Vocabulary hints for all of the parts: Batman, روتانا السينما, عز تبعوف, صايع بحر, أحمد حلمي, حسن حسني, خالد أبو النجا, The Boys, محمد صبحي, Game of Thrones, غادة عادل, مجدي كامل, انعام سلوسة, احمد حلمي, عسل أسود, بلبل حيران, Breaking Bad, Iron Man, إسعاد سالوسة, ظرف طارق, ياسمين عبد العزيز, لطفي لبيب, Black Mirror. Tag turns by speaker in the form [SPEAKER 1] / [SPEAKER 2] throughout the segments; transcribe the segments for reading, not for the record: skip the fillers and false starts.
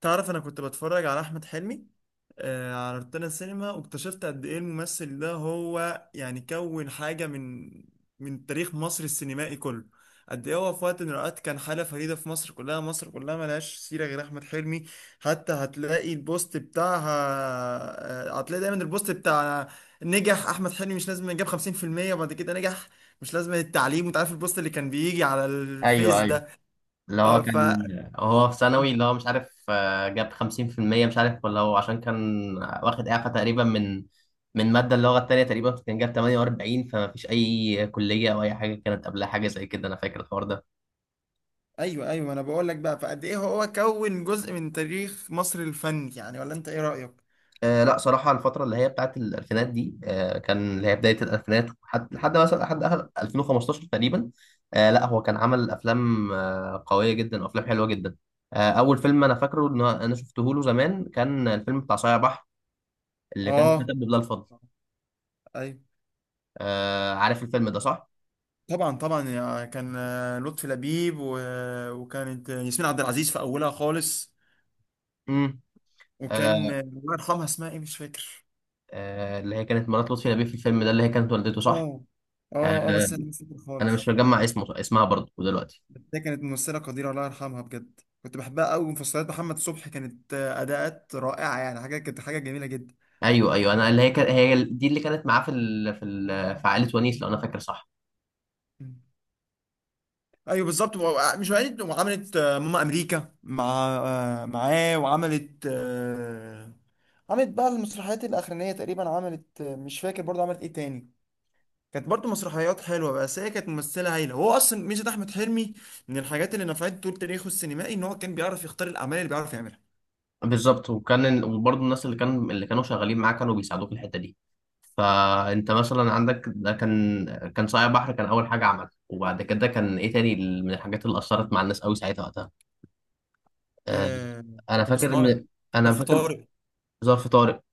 [SPEAKER 1] تعرف، انا كنت بتفرج على احمد حلمي على روتانا السينما، واكتشفت قد ايه الممثل ده. هو يعني كون حاجه من تاريخ مصر السينمائي كله. قد ايه هو في وقت من الاوقات كان حاله فريده في مصر كلها، مصر كلها ملهاش سيره غير احمد حلمي. حتى هتلاقي البوست بتاعها. هتلاقي دايما البوست بتاع نجح احمد حلمي، مش لازم جاب 50% وبعد كده نجح، مش لازم التعليم. وانت عارف البوست اللي كان بيجي على
[SPEAKER 2] ايوه،
[SPEAKER 1] الفيس
[SPEAKER 2] ايوه.
[SPEAKER 1] ده.
[SPEAKER 2] اللي هو
[SPEAKER 1] اه ف
[SPEAKER 2] كان هو في ثانوي اللي هو مش عارف، جاب 50%. مش عارف ولا هو عشان كان واخد إعفاء تقريبا من مادة اللغة التانية تقريبا. كان جاب 48 فما فيش أي كلية أو أي حاجة كانت قبلها حاجة زي كده. أنا فاكر الحوار ده.
[SPEAKER 1] ايوه، ايوه، انا بقول لك بقى، فقد ايه هو كون جزء من تاريخ مصر الفني، يعني ولا انت ايه رأيك؟
[SPEAKER 2] لا صراحة الفترة اللي هي بتاعت الألفينات دي، كان اللي هي بداية الألفينات، لحد مثلا لحد آخر 2015 تقريبا. لا هو كان عمل أفلام قوية جدا وأفلام حلوة جدا. اول فيلم انا فاكره ان انا شفته له زمان كان الفيلم بتاع صايع بحر، اللي كان
[SPEAKER 1] اه،
[SPEAKER 2] كاتب لله الفضل.
[SPEAKER 1] ايوه.
[SPEAKER 2] عارف الفيلم ده صح؟
[SPEAKER 1] طبعا، طبعا، كان لطفي لبيب و- وكانت ياسمين عبد العزيز في اولها خالص.
[SPEAKER 2] امم.
[SPEAKER 1] وكان
[SPEAKER 2] آه
[SPEAKER 1] الله يرحمها، اسمها ايه، مش فاكر.
[SPEAKER 2] اللي هي كانت مرات لطفي لبيب في الفيلم ده، اللي هي كانت والدته صح؟
[SPEAKER 1] اه، اه، اه،
[SPEAKER 2] آه
[SPEAKER 1] بس انا مش فاكر
[SPEAKER 2] انا
[SPEAKER 1] خالص.
[SPEAKER 2] مش مجمع اسمه، اسمها برضه دلوقتي.
[SPEAKER 1] بس هي كانت ممثلة قديرة، الله يرحمها، بجد كنت بحبها قوي. ومسلسلات محمد صبحي كانت اداءات رائعة، يعني حاجة، كانت حاجة جميلة جدا.
[SPEAKER 2] ايوه ايوه، انا اللي هي كان هي دي اللي كانت معاه في ال... في ال... في عائله ونيس لو انا فاكر صح.
[SPEAKER 1] ايوه بالظبط، مش وقعت وعملت ماما امريكا مع آه، معاه. وعملت عملت بقى المسرحيات الاخرانيه تقريبا. عملت مش فاكر برضه عملت ايه تاني. كانت برضه مسرحيات حلوه، بس هي كانت ممثله هايله. هو اصلا ميزه احمد حلمي من الحاجات اللي نفعت طول تاريخه السينمائي ان هو كان بيعرف يختار الاعمال اللي بيعرف يعملها.
[SPEAKER 2] بالظبط. وبرضه الناس اللي كان اللي كانوا شغالين معاه كانوا بيساعدوه في الحته دي. فانت مثلا عندك ده كان صايع بحر كان اول حاجه عملها. وبعد كده كان ايه تاني من الحاجات اللي اثرت مع الناس قوي ساعتها وقتها؟ آه،
[SPEAKER 1] آه،
[SPEAKER 2] انا
[SPEAKER 1] مطب
[SPEAKER 2] فاكر
[SPEAKER 1] صناعي.
[SPEAKER 2] من انا
[SPEAKER 1] ظرف
[SPEAKER 2] فاكر
[SPEAKER 1] طارق.
[SPEAKER 2] ظرف طارق.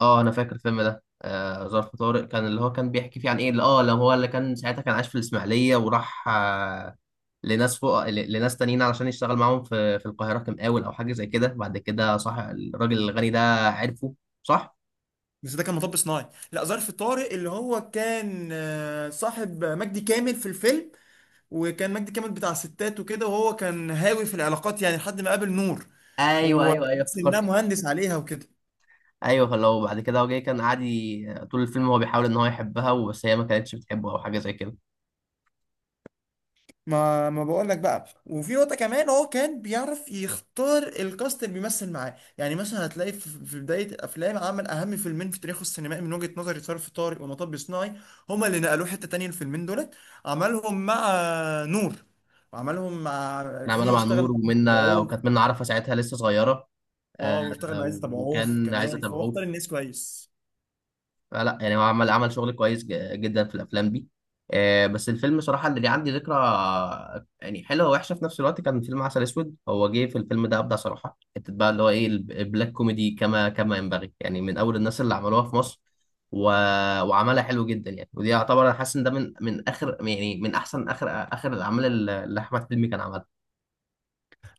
[SPEAKER 2] اه انا فاكر الفيلم ده، ظرف طارق، كان اللي هو كان بيحكي فيه عن ايه اللي اه اللي هو اللي كان ساعتها كان عايش في الاسماعيليه وراح، لناس فوق، لناس تانيين علشان يشتغل معاهم في القاهره كمقاول او حاجه زي كده. بعد كده صح الراجل الغني ده عرفه صح.
[SPEAKER 1] بس ده كان مطب صناعي، لا ظرف طارق، اللي هو كان صاحب مجدي كامل في الفيلم. وكان مجدي كامل بتاع ستات وكده، وهو كان هاوي في العلاقات، يعني لحد ما قابل نور.
[SPEAKER 2] ايوه ايوه ايوه،
[SPEAKER 1] وحس انها
[SPEAKER 2] افتكرت.
[SPEAKER 1] مهندس عليها وكده.
[SPEAKER 2] ايوه، فلو بعد كده هو جاي كان قاعد طول الفيلم هو بيحاول ان هو يحبها وبس، هي ما كانتش بتحبه او حاجه زي كده.
[SPEAKER 1] ما بقول لك بقى، وفي نقطة كمان هو كان بيعرف يختار الكاست اللي بيمثل معاه، يعني مثلا هتلاقي في بداية الافلام عمل اهم فيلمين في تاريخه السينمائي من وجهة نظري، ظرف طارق ومطب صناعي. هما اللي نقلوه حتة تانية، الفيلمين دولت. عملهم مع نور، وعملهم مع،
[SPEAKER 2] كان عماله
[SPEAKER 1] في
[SPEAKER 2] مع
[SPEAKER 1] اشتغل
[SPEAKER 2] نور
[SPEAKER 1] مع عز
[SPEAKER 2] ومنى،
[SPEAKER 1] تبعوف.
[SPEAKER 2] وكانت منى عارفه ساعتها لسه صغيره.
[SPEAKER 1] اه، واشتغل مع عز تبعوف
[SPEAKER 2] وكان عايز
[SPEAKER 1] كمان، فهو
[SPEAKER 2] اتابعه
[SPEAKER 1] اختار الناس كويس.
[SPEAKER 2] فلا، يعني هو عمل شغل كويس جدا في الافلام دي. بس الفيلم صراحه اللي ليه عندي ذكرى يعني حلوه ووحشه في نفس الوقت كان فيلم عسل اسود. هو جه في الفيلم ده ابدع صراحه حته بقى، اللي هو ايه، البلاك كوميدي كما ينبغي، يعني من اول الناس اللي عملوها في مصر. و... وعملها حلو جدا يعني. ودي يعتبر انا حاسس ان ده من، اخر يعني، من احسن اخر اخر الاعمال اللي احمد حلمي كان عملها.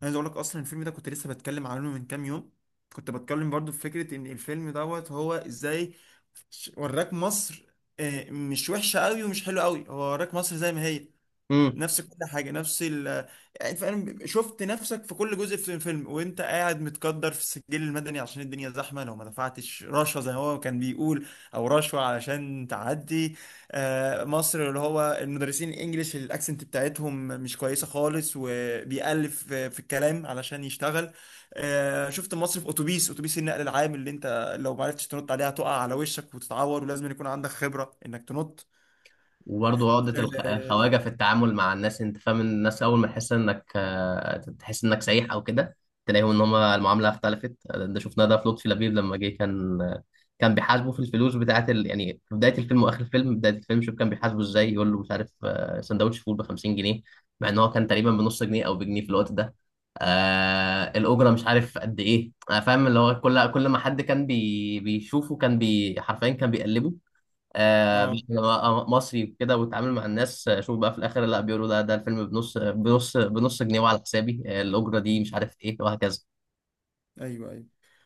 [SPEAKER 1] عايز اقول لك، اصلا الفيلم ده كنت لسه بتكلم عنه من كام يوم. كنت بتكلم برضو في فكره ان الفيلم دوت هو ازاي. وراك مصر، مش وحشه قوي ومش حلوه قوي، هو وراك مصر زي ما هي، نفس كل حاجه، نفس يعني فعلا شفت نفسك في كل جزء في الفيلم. وانت قاعد متقدر في السجل المدني عشان الدنيا زحمه، لو ما دفعتش رشوه زي ما هو كان بيقول، او رشوه علشان تعدي. مصر اللي هو المدرسين الانجليش الاكسنت بتاعتهم مش كويسه خالص، وبيألف في الكلام علشان يشتغل. شفت مصر في اتوبيس النقل العام اللي انت لو ما عرفتش تنط عليها تقع على وشك وتتعور، ولازم يكون عندك خبره انك تنط.
[SPEAKER 2] وبرضه عقدة
[SPEAKER 1] اه،
[SPEAKER 2] الخواجة في التعامل مع الناس. انت فاهم إن الناس اول ما تحس انك سايح او كده، تلاقيهم ان هم المعاملة اختلفت. ده شفناه ده في لطفي لبيب لما جه، كان بيحاسبه في الفلوس بتاعت ال... يعني في بداية الفيلم واخر الفيلم. بداية الفيلم شوف كان بيحاسبه ازاي، يقول له مش عارف، سندوتش فول ب 50 جنيه، مع ان هو كان تقريبا بنص جنيه او بجنيه في الوقت ده. الاجره مش عارف قد ايه. فاهم اللي هو كل ما حد كان بيشوفه، كان حرفيا كان بيقلبه.
[SPEAKER 1] آه.
[SPEAKER 2] بقى أنا مصري وكده واتعامل مع الناس. شوف بقى في الاخر لا بيقولوا لا ده الفيلم بنص، بنص جنيه وعلى حسابي. الاجره دي مش عارف ايه وهكذا.
[SPEAKER 1] ايوه، ايوه.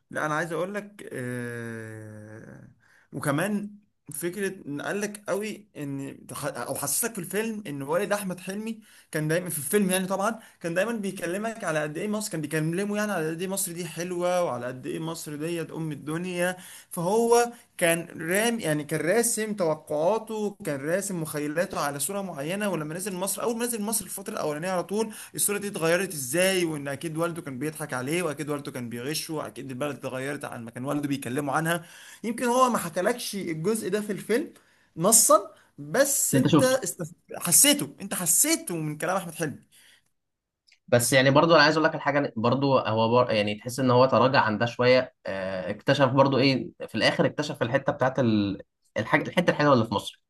[SPEAKER 1] لا انا عايز اقول لك وكمان فكره ان قال لك قوي، ان او حسسك في الفيلم ان والد احمد حلمي كان دايما في الفيلم. يعني طبعا كان دايما بيكلمك على قد ايه مصر، كان بيكلمه يعني على قد ايه مصر دي حلوه، وعلى قد ايه مصر ديت ام الدنيا. فهو كان رام، يعني كان راسم توقعاته، كان راسم مخيلاته على صوره معينه، ولما نزل مصر، اول ما نزل مصر الفتره الاولانيه على طول الصورة دي اتغيرت ازاي. وان اكيد والده كان بيضحك عليه، واكيد والده كان بيغشه، اكيد البلد اتغيرت عن ما كان والده بيكلمه عنها. يمكن هو ما حكالكش الجزء ده في الفيلم نصا، بس
[SPEAKER 2] اللي انت
[SPEAKER 1] انت
[SPEAKER 2] شفته.
[SPEAKER 1] حسيته، انت حسيته من كلام احمد حلمي.
[SPEAKER 2] بس يعني برضو انا عايز اقول لك الحاجه، برضو هو يعني تحس ان هو تراجع عن ده شويه. اكتشف برضو ايه في الاخر، اكتشف الحته بتاعت ال... الحاجه، الحته الحلوه اللي في مصر.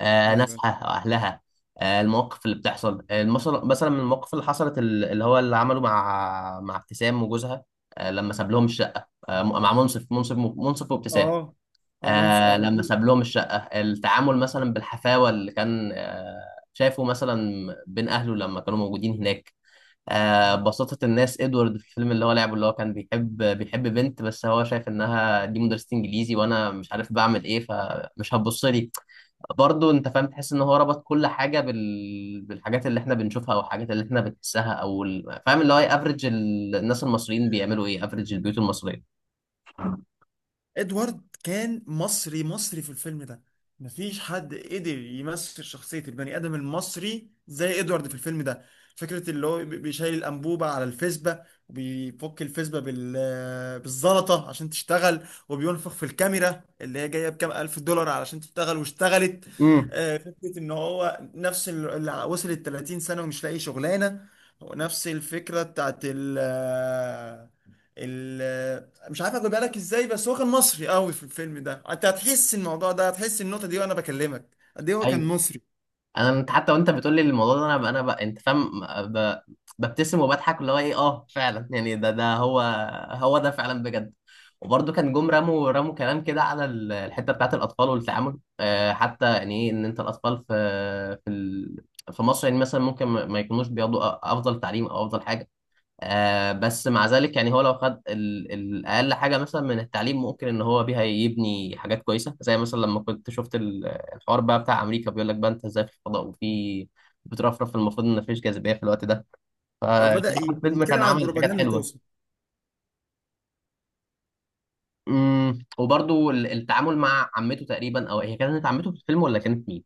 [SPEAKER 1] ايوه،
[SPEAKER 2] ناسها واهلها. المواقف اللي بتحصل مثلا، من المواقف اللي حصلت اللي هو اللي عمله مع ابتسام وجوزها. لما ساب لهم الشقه، مع منصف، منصف وابتسام.
[SPEAKER 1] اه. هو اه.
[SPEAKER 2] لما ساب لهم الشقه، التعامل مثلا بالحفاوه اللي كان، شايفه مثلا بين اهله لما كانوا موجودين هناك. بساطة الناس. ادوارد في الفيلم اللي هو لعبه، اللي هو كان بيحب بنت، بس هو شايف انها دي مدرسة انجليزي وانا مش عارف بعمل ايه فمش هتبص لي. برضه انت فاهم تحس ان هو ربط كل حاجه بال... بالحاجات اللي احنا بنشوفها، او الحاجات اللي احنا بنحسها او ال... فاهم اللي هو ايه افريج الناس المصريين، بيعملوا ايه افريج البيوت المصريه.
[SPEAKER 1] ادوارد كان مصري، مصري في الفيلم ده. مفيش حد قدر يمثل شخصية البني آدم المصري زي ادوارد في الفيلم ده. فكرة اللي هو بيشيل الأنبوبة على الفيسبا، وبيفك الفيسبا بالزلطة عشان تشتغل، وبينفخ في الكاميرا اللي هي جاية بكام ألف دولار علشان تشتغل واشتغلت.
[SPEAKER 2] امم.
[SPEAKER 1] فكرة إن هو نفس اللي وصلت 30 سنة ومش لاقي شغلانة، ونفس الفكرة بتاعت ال... مش عارف اخد بالك ازاي، بس هو كان مصري قوي في الفيلم ده، انت هتحس الموضوع ده، هتحس النقطه دي وانا بكلمك قد ايه هو كان مصري.
[SPEAKER 2] انت حتى وانت بتقول لي الموضوع ده، انا ب... انا ب... انت فاهم ب... ببتسم وبضحك اللي هو ايه. اه فعلا يعني، ده ده هو، ده فعلا بجد. وبرضه كان جم رموا كلام كده على الحته بتاعت الاطفال والتعامل. حتى يعني ايه ان انت الاطفال في، في ال... في مصر يعني مثلا ممكن ما يكونوش بياخدوا افضل تعليم او افضل حاجه. بس مع ذلك يعني هو لو خد الأقل حاجة مثلا من التعليم ممكن إن هو بيها يبني حاجات كويسة، زي مثلا لما كنت شفت الحوار بقى بتاع أمريكا. بيقول لك بقى أنت إزاي في الفضاء وفي بترفرف، المفروض إن مفيش جاذبية في الوقت ده.
[SPEAKER 1] بدأ
[SPEAKER 2] فصراحة الفيلم
[SPEAKER 1] يتكلم
[SPEAKER 2] كان
[SPEAKER 1] عن
[SPEAKER 2] عامل حاجات
[SPEAKER 1] البروباجندا
[SPEAKER 2] حلوة.
[SPEAKER 1] توصل.
[SPEAKER 2] وبرضو التعامل مع عمته تقريبا، أو هي كانت عمته في الفيلم ولا كانت مين؟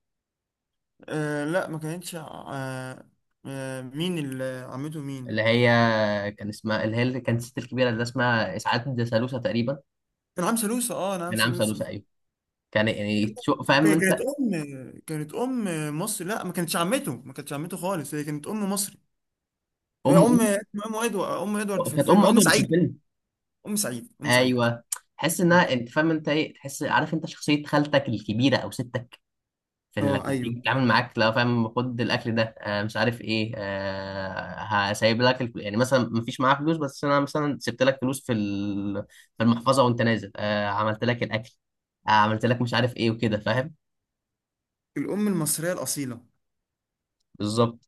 [SPEAKER 1] لا، ما كانتش. مين اللي، عمته
[SPEAKER 2] اللي
[SPEAKER 1] مين؟
[SPEAKER 2] هي كان اسمها، اللي هي اللي كانت الست الكبيرة اللي اسمها إسعاد سالوسة تقريبا.
[SPEAKER 1] انعام سلوسة، اه، انعام
[SPEAKER 2] من عم
[SPEAKER 1] سلوسة.
[SPEAKER 2] سالوسة أيوه. كان يعني فاهم
[SPEAKER 1] ك- كانت
[SPEAKER 2] أنت.
[SPEAKER 1] ام كانت ام مصري، لا ما كانتش عمته، ما كانتش عمته خالص، هي كانت ام مصري.
[SPEAKER 2] أم.
[SPEAKER 1] ام، اسمها ام ادوارد، ام ادوارد في
[SPEAKER 2] كانت
[SPEAKER 1] الفيلم،
[SPEAKER 2] ام
[SPEAKER 1] ام
[SPEAKER 2] ادوارد في
[SPEAKER 1] سعيد،
[SPEAKER 2] الفيلم.
[SPEAKER 1] ام سعيد، ام سعيد.
[SPEAKER 2] ايوه. تحس انها، انت فاهم انت ايه، تحس عارف انت شخصيه خالتك الكبيره او ستك في اللي
[SPEAKER 1] اه، ايوه.
[SPEAKER 2] بتيجي تتعامل معاك، لا فاهم خد الاكل ده، مش عارف ايه، هسيب لك يعني مثلا ما فيش معاها فلوس بس انا مثلا سبت لك فلوس في ال... في المحفظه وانت نازل. عملت لك الاكل، عملت لك مش عارف ايه وكده فاهم.
[SPEAKER 1] الام المصريه الاصيله.
[SPEAKER 2] بالظبط.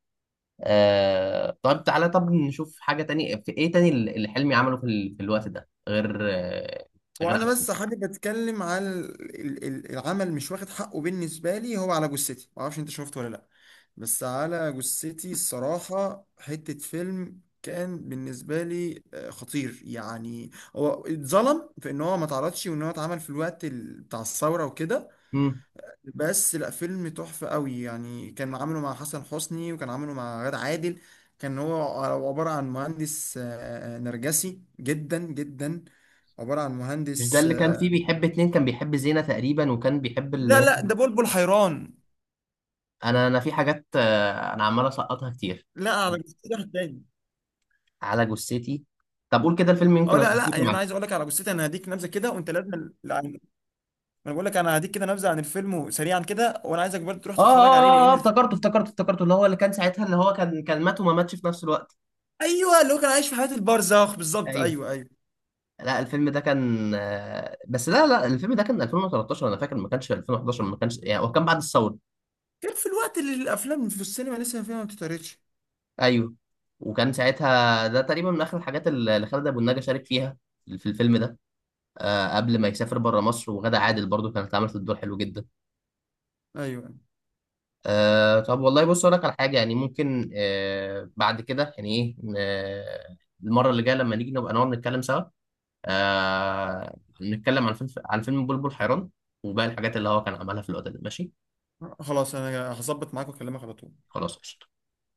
[SPEAKER 2] طب تعالى طب نشوف حاجه تانية في ايه تاني اللي حلمي عمله في، ال... في الوقت ده غير غير
[SPEAKER 1] وانا
[SPEAKER 2] عسل.
[SPEAKER 1] بس حابب اتكلم على العمل، مش واخد حقه بالنسبه لي. هو، على جثتي، ما اعرفش انت شفته ولا لا، بس على جثتي الصراحه حته فيلم، كان بالنسبه لي خطير، يعني هو اتظلم في ان هو ما اتعرضش، وان هو اتعمل في الوقت بتاع الثوره وكده. بس لا، فيلم تحفه قوي يعني. كان عامله مع حسن حسني، وكان عامله مع غادة عادل. كان هو عباره عن مهندس نرجسي جدا جدا، عبارة عن
[SPEAKER 2] مش ده
[SPEAKER 1] مهندس
[SPEAKER 2] اللي كان فيه بيحب اتنين، كان بيحب زينة تقريبا وكان بيحب اللي
[SPEAKER 1] لا،
[SPEAKER 2] هي.
[SPEAKER 1] لا، ده بلبل حيران.
[SPEAKER 2] انا في حاجات، انا عمال اسقطها كتير.
[SPEAKER 1] لا، على جثتي واحد تاني.
[SPEAKER 2] على جثتي. طب قول كده الفيلم
[SPEAKER 1] اه،
[SPEAKER 2] يمكن
[SPEAKER 1] لا، لا،
[SPEAKER 2] افتكره
[SPEAKER 1] يعني انا
[SPEAKER 2] معاك.
[SPEAKER 1] عايز اقول لك على جثتي، انا هديك نبذه كده وانت لازم، لا انا بقول لك، انا هديك كده نبذه عن الفيلم سريعا كده، وانا عايزك برضه تروح
[SPEAKER 2] اه اه
[SPEAKER 1] تتفرج عليه لان الفيلم
[SPEAKER 2] افتكرته افتكرته افتكرته، اللي هو اللي كان ساعتها اللي هو كان مات وما ماتش في نفس الوقت.
[SPEAKER 1] ايوه، اللي هو كان عايش في حياه البرزخ بالظبط.
[SPEAKER 2] ايوه.
[SPEAKER 1] ايوه، ايوه.
[SPEAKER 2] لا الفيلم ده كان، بس لا لا الفيلم ده كان 2013 انا فاكر، ما كانش 2011، ما كانش يعني هو كان بعد الثوره.
[SPEAKER 1] كان في الوقت اللي الافلام في السينما لسه فيها ما بتتعرضش.
[SPEAKER 2] ايوه. وكان ساعتها ده تقريبا من اخر الحاجات اللي خالد ابو النجا شارك فيها في الفيلم ده. قبل ما يسافر بره مصر. وغادة عادل برضو كانت عملت الدور حلو جدا.
[SPEAKER 1] ايوه،
[SPEAKER 2] طب والله بص اقول لك على حاجه يعني ممكن، بعد كده يعني ايه. المره اللي جايه لما نيجي نبقى نقعد نتكلم سوا، نتكلم عن فيلم، بلبل حيران وباقي الحاجات اللي هو كان عملها في الوقت ده. ماشي.
[SPEAKER 1] خلاص، انا هظبط معاك واكلمك على طول.
[SPEAKER 2] خلاص قشطة.